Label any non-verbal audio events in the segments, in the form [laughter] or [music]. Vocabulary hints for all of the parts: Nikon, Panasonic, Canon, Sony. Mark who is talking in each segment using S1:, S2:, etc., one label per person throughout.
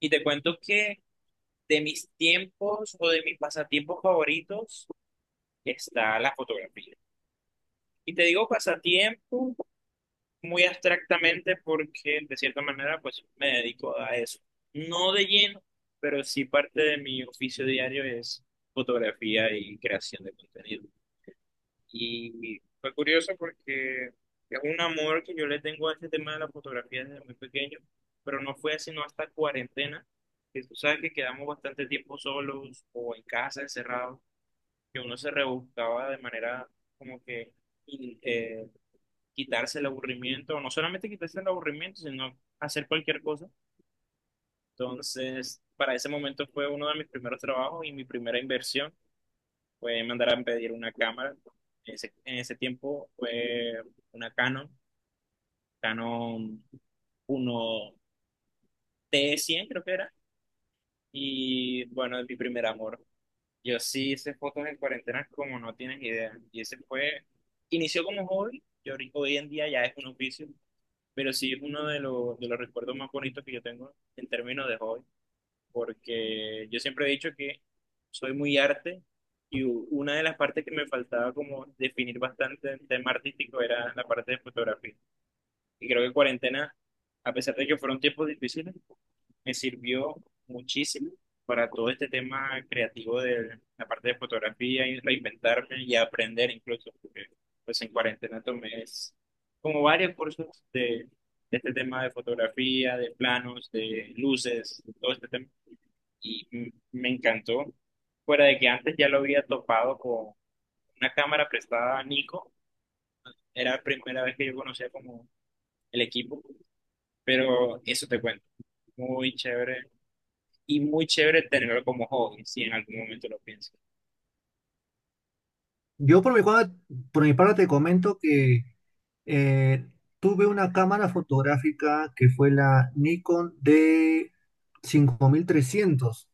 S1: Y te cuento que de mis tiempos o de mis pasatiempos favoritos está la fotografía. Y te digo pasatiempo muy abstractamente porque de cierta manera pues me dedico a eso. No de lleno, pero sí parte de mi oficio diario es fotografía y creación de contenido. Y fue curioso porque es un amor que yo le tengo a este tema de la fotografía desde muy pequeño, pero no fue sino hasta cuarentena, que tú sabes que quedamos bastante tiempo solos o en casa, encerrados, que uno se rebuscaba de manera como que in- eh, quitarse el aburrimiento, o no solamente quitarse el aburrimiento, sino hacer cualquier cosa. Entonces, para ese momento fue uno de mis primeros trabajos y mi primera inversión fue mandar a pedir una cámara. En ese tiempo fue una Canon, Canon 1T100 creo que era. Y bueno, es mi primer amor. Yo sí hice fotos en cuarentena como no tienes idea. Y ese fue, inició como hobby, y hoy en día ya es un oficio, pero sí es uno de los recuerdos más bonitos que yo tengo en términos de hobby. Porque yo siempre he dicho que soy muy arte y una de las partes que me faltaba como definir bastante el tema artístico era la parte de fotografía. Y creo que cuarentena, a pesar de que fueron tiempos difíciles, me sirvió muchísimo para todo este tema creativo de la parte de fotografía y reinventarme y aprender incluso, porque pues en cuarentena como varios cursos de, de este tema de fotografía, de planos, de luces, de todo este tema, y me encantó. Fuera de que antes ya lo había topado con una cámara prestada a Nico, era la primera vez que yo conocía como el equipo, pero eso te cuento, muy chévere y muy chévere tenerlo como hobby, si en algún momento lo piensas.
S2: Yo por mi, cua- Por mi parte te comento que eh, tuve una cámara fotográfica que fue la Nikon D5300.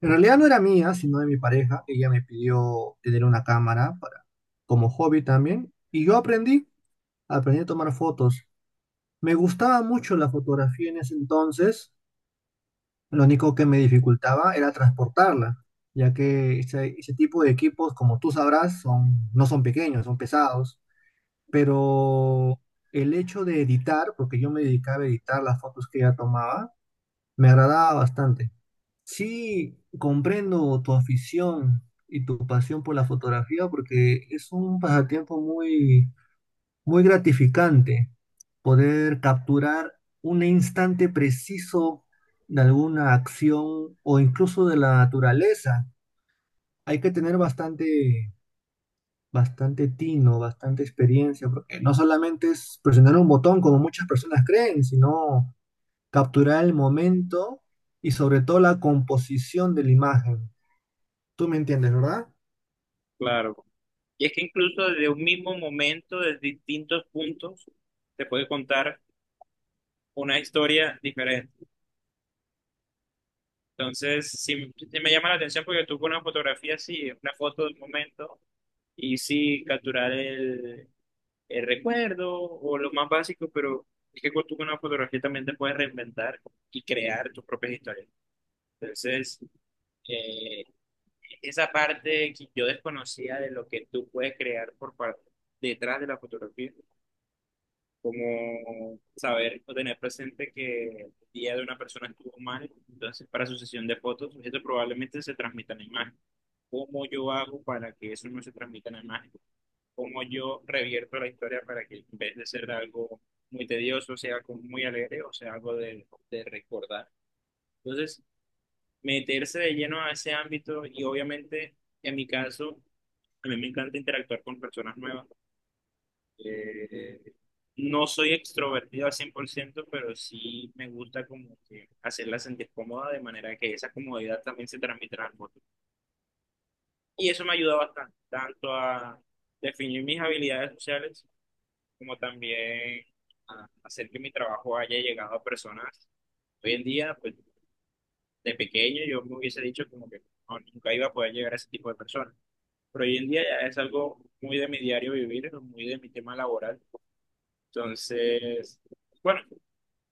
S2: En realidad no era mía, sino de mi pareja. Ella me pidió tener una cámara para, como hobby también. Y yo aprendí a tomar fotos. Me gustaba mucho la fotografía en ese entonces. Lo único que me dificultaba era transportarla, ya que ese tipo de equipos, como tú sabrás, son, no son pequeños, son pesados, pero el hecho de editar, porque yo me dedicaba a editar las fotos que ella tomaba, me agradaba bastante. Sí, comprendo tu afición y tu pasión por la fotografía, porque es un pasatiempo muy, muy gratificante, poder capturar un instante preciso de alguna acción o incluso de la naturaleza. Hay que tener bastante tino, bastante experiencia, porque no solamente es presionar un botón como muchas personas creen, sino capturar el momento y sobre todo la composición de la imagen. Tú me entiendes, ¿verdad?
S1: Claro. Y es que incluso desde un mismo momento, desde distintos puntos, te puede contar una historia diferente. Entonces, sí, sí me llama la atención porque tú con una fotografía así, una foto del momento, y sí capturar el recuerdo o lo más básico, pero es que tú con una fotografía también te puedes reinventar y crear tus propias historias. Entonces, eh, esa parte que yo desconocía de lo que tú puedes crear detrás de la fotografía, como saber o tener presente que el día de una persona estuvo mal, entonces para su sesión de fotos, esto probablemente se transmita en la imagen. ¿Cómo yo hago para que eso no se transmita en la imagen? ¿Cómo yo revierto la historia para que en vez de ser algo muy tedioso, sea algo muy alegre o sea algo de recordar? Entonces, meterse de lleno a ese ámbito y obviamente, en mi caso, a mí me encanta interactuar con personas nuevas. Eh, no soy extrovertido al 100%, pero sí me gusta como que hacerla sentir cómoda de manera que esa comodidad también se transmita al otro. Y eso me ayuda bastante, tanto a definir mis habilidades sociales como también a hacer que mi trabajo haya llegado a personas. Hoy en día, pues de pequeño yo me hubiese dicho como que no, nunca iba a poder llegar a ese tipo de personas. Pero hoy en día ya es algo muy de mi diario vivir, muy de mi tema laboral. Entonces, bueno,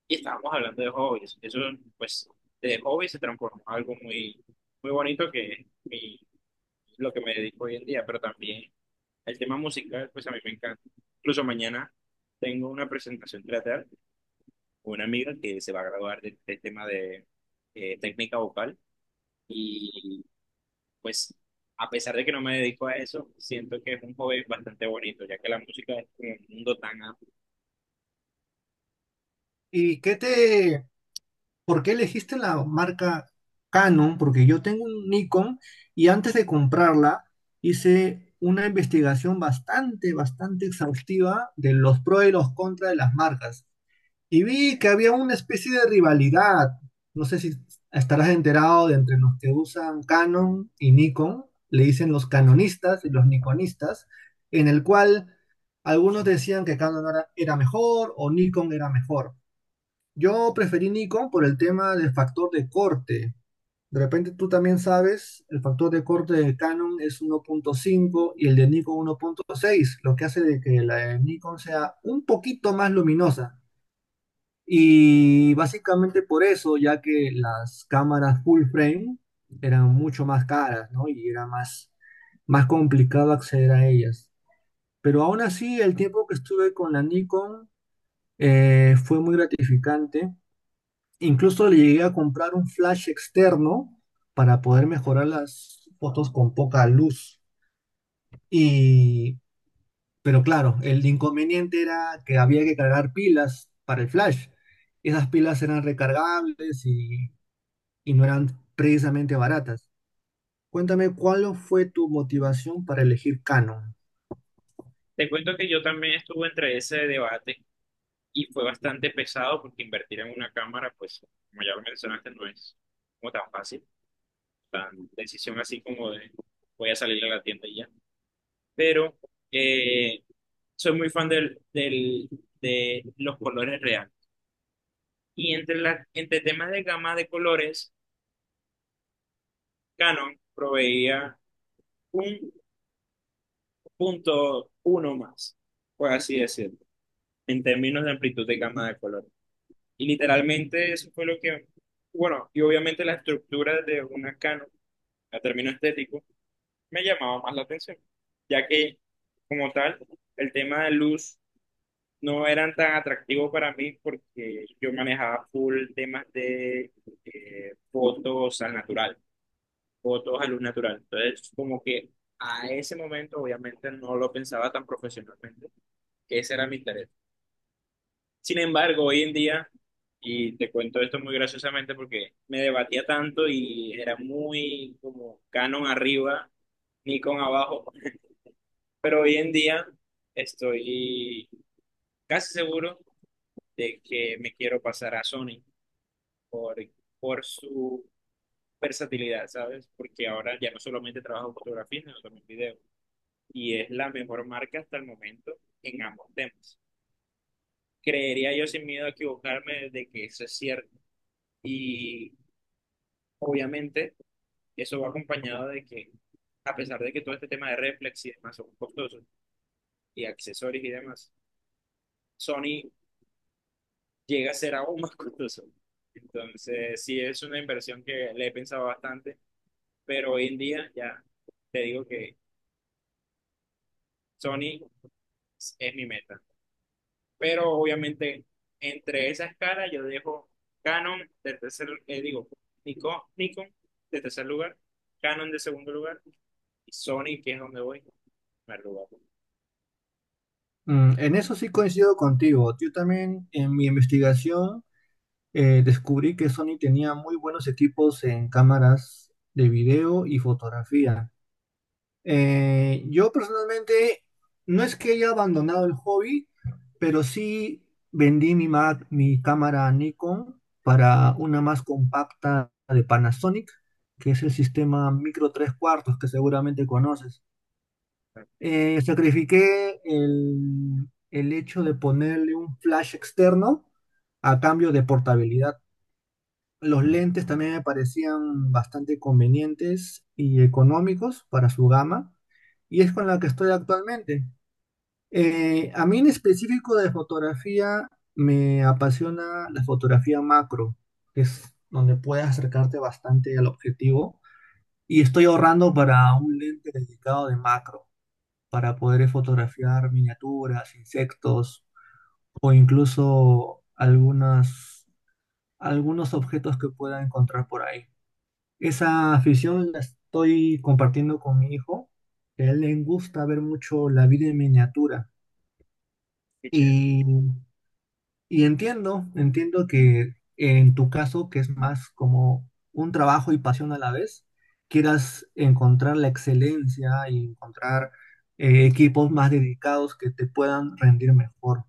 S1: y estábamos hablando de hobbies. Eso, pues, de hobby se transformó en algo muy, muy bonito que es lo que me dedico hoy en día, pero también el tema musical, pues a mí me encanta. Incluso mañana tengo una presentación teatral con una amiga que se va a graduar de tema de técnica vocal y pues a pesar de que no me dedico a eso, siento que es un hobby bastante bonito, ya que la música es como un mundo tan amplio.
S2: ¿Y qué te, ¿Por qué elegiste la marca Canon? Porque yo tengo un Nikon y antes de comprarla hice una investigación bastante, bastante exhaustiva de los pros y los contras de las marcas. Y vi que había una especie de rivalidad. No sé si estarás enterado, de entre los que usan Canon y Nikon, le dicen los canonistas y los nikonistas, en el cual algunos decían que Canon era mejor o Nikon era mejor. Yo preferí Nikon por el tema del factor de corte. De repente tú también sabes, el factor de corte de Canon es 1.5 y el de Nikon 1.6, lo que hace de que la de Nikon sea un poquito más luminosa. Y básicamente por eso, ya que las cámaras full frame eran mucho más caras, ¿no? Y era más, más complicado acceder a ellas. Pero aún así, el tiempo que estuve con la Nikon fue muy gratificante. Incluso le llegué a comprar un flash externo para poder mejorar las fotos con poca luz. Y, pero claro, el inconveniente era que había que cargar pilas para el flash. Esas pilas eran recargables y no eran precisamente baratas. Cuéntame, ¿cuál fue tu motivación para elegir Canon?
S1: Te cuento que yo también estuve entre ese debate y fue bastante pesado porque invertir en una cámara, pues, como ya lo mencionaste, no es como tan fácil, tan decisión así como de voy a salir a la tienda y ya. Pero eh, soy muy fan de los colores reales. Y entre, la, entre temas de gama de colores, Canon proveía un 0,1 más, por así decirlo, en términos de amplitud de gama de colores. Y literalmente eso fue lo que, bueno, y obviamente la estructura de una Canon a término estético, me llamaba más la atención, ya que como tal, el tema de luz no eran tan atractivo para mí porque yo manejaba full temas de fotos al natural, fotos a luz natural. Entonces, como que a ese momento obviamente no lo pensaba tan profesionalmente, que ese era mi interés. Sin embargo, hoy en día... Y te cuento esto muy graciosamente porque me debatía tanto y era muy como Canon arriba, Nikon abajo. Pero hoy en día estoy casi seguro de que me quiero pasar a Sony por, por su versatilidad, ¿sabes? Porque ahora ya no solamente trabajo en fotografía, sino también en video. Y es la mejor marca hasta el momento en ambos temas. Creería yo sin miedo a equivocarme de que eso es cierto. Y obviamente eso va acompañado de que, a pesar de que todo este tema de reflex y demás son costosos, y accesorios y demás, Sony llega a ser aún más [laughs] costoso. Entonces, sí es una inversión que le he pensado bastante, pero hoy en día ya te digo que Sony es mi meta. Pero obviamente, entre esa escala yo dejo Canon de tercer, digo, Nikon de tercer lugar, Canon de segundo lugar y Sony, que es donde voy, en primer lugar.
S2: Mm, en eso sí coincido contigo. Yo también en mi investigación descubrí que Sony tenía muy buenos equipos en cámaras de video y fotografía. Yo personalmente no es que haya abandonado el hobby, pero sí vendí mi Mac, mi cámara Nikon, para una más compacta de Panasonic, que es el sistema micro tres cuartos que seguramente conoces. Sacrifiqué el hecho de ponerle un flash externo a cambio de portabilidad. Los lentes también me parecían bastante convenientes y económicos para su gama, y es con la que estoy actualmente. A mí en específico, de fotografía me apasiona la fotografía macro, que es donde puedes acercarte bastante al objetivo, y estoy ahorrando para un lente dedicado de macro, para poder fotografiar miniaturas, insectos o incluso algunas, algunos objetos que pueda encontrar por ahí. Esa afición la estoy compartiendo con mi hijo, que a él le gusta ver mucho la vida en miniatura.
S1: Qué chévere.
S2: Y, entiendo que en tu caso, que es más como un trabajo y pasión a la vez, quieras encontrar la excelencia y encontrar equipos más dedicados que te puedan rendir mejor.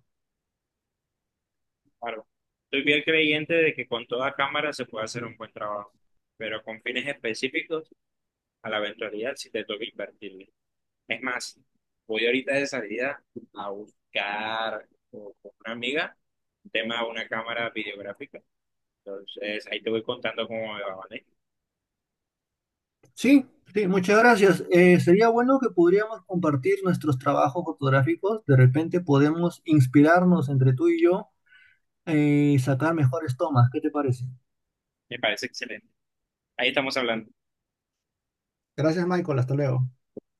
S1: Claro. Estoy bien creyente de que con toda cámara se puede hacer un buen trabajo, pero con fines específicos a la eventualidad si te toca invertirle. Es más, voy ahorita de salida a buscar con una amiga un tema de una cámara videográfica. Entonces, ahí te voy contando cómo me va, ¿vale?
S2: Sí, sí, muchas gracias. Sería bueno que podríamos compartir nuestros trabajos fotográficos. De repente podemos inspirarnos entre tú y yo, y sacar mejores tomas. ¿Qué te parece?
S1: Me parece excelente. Ahí estamos hablando.
S2: Gracias, Michael. Hasta luego.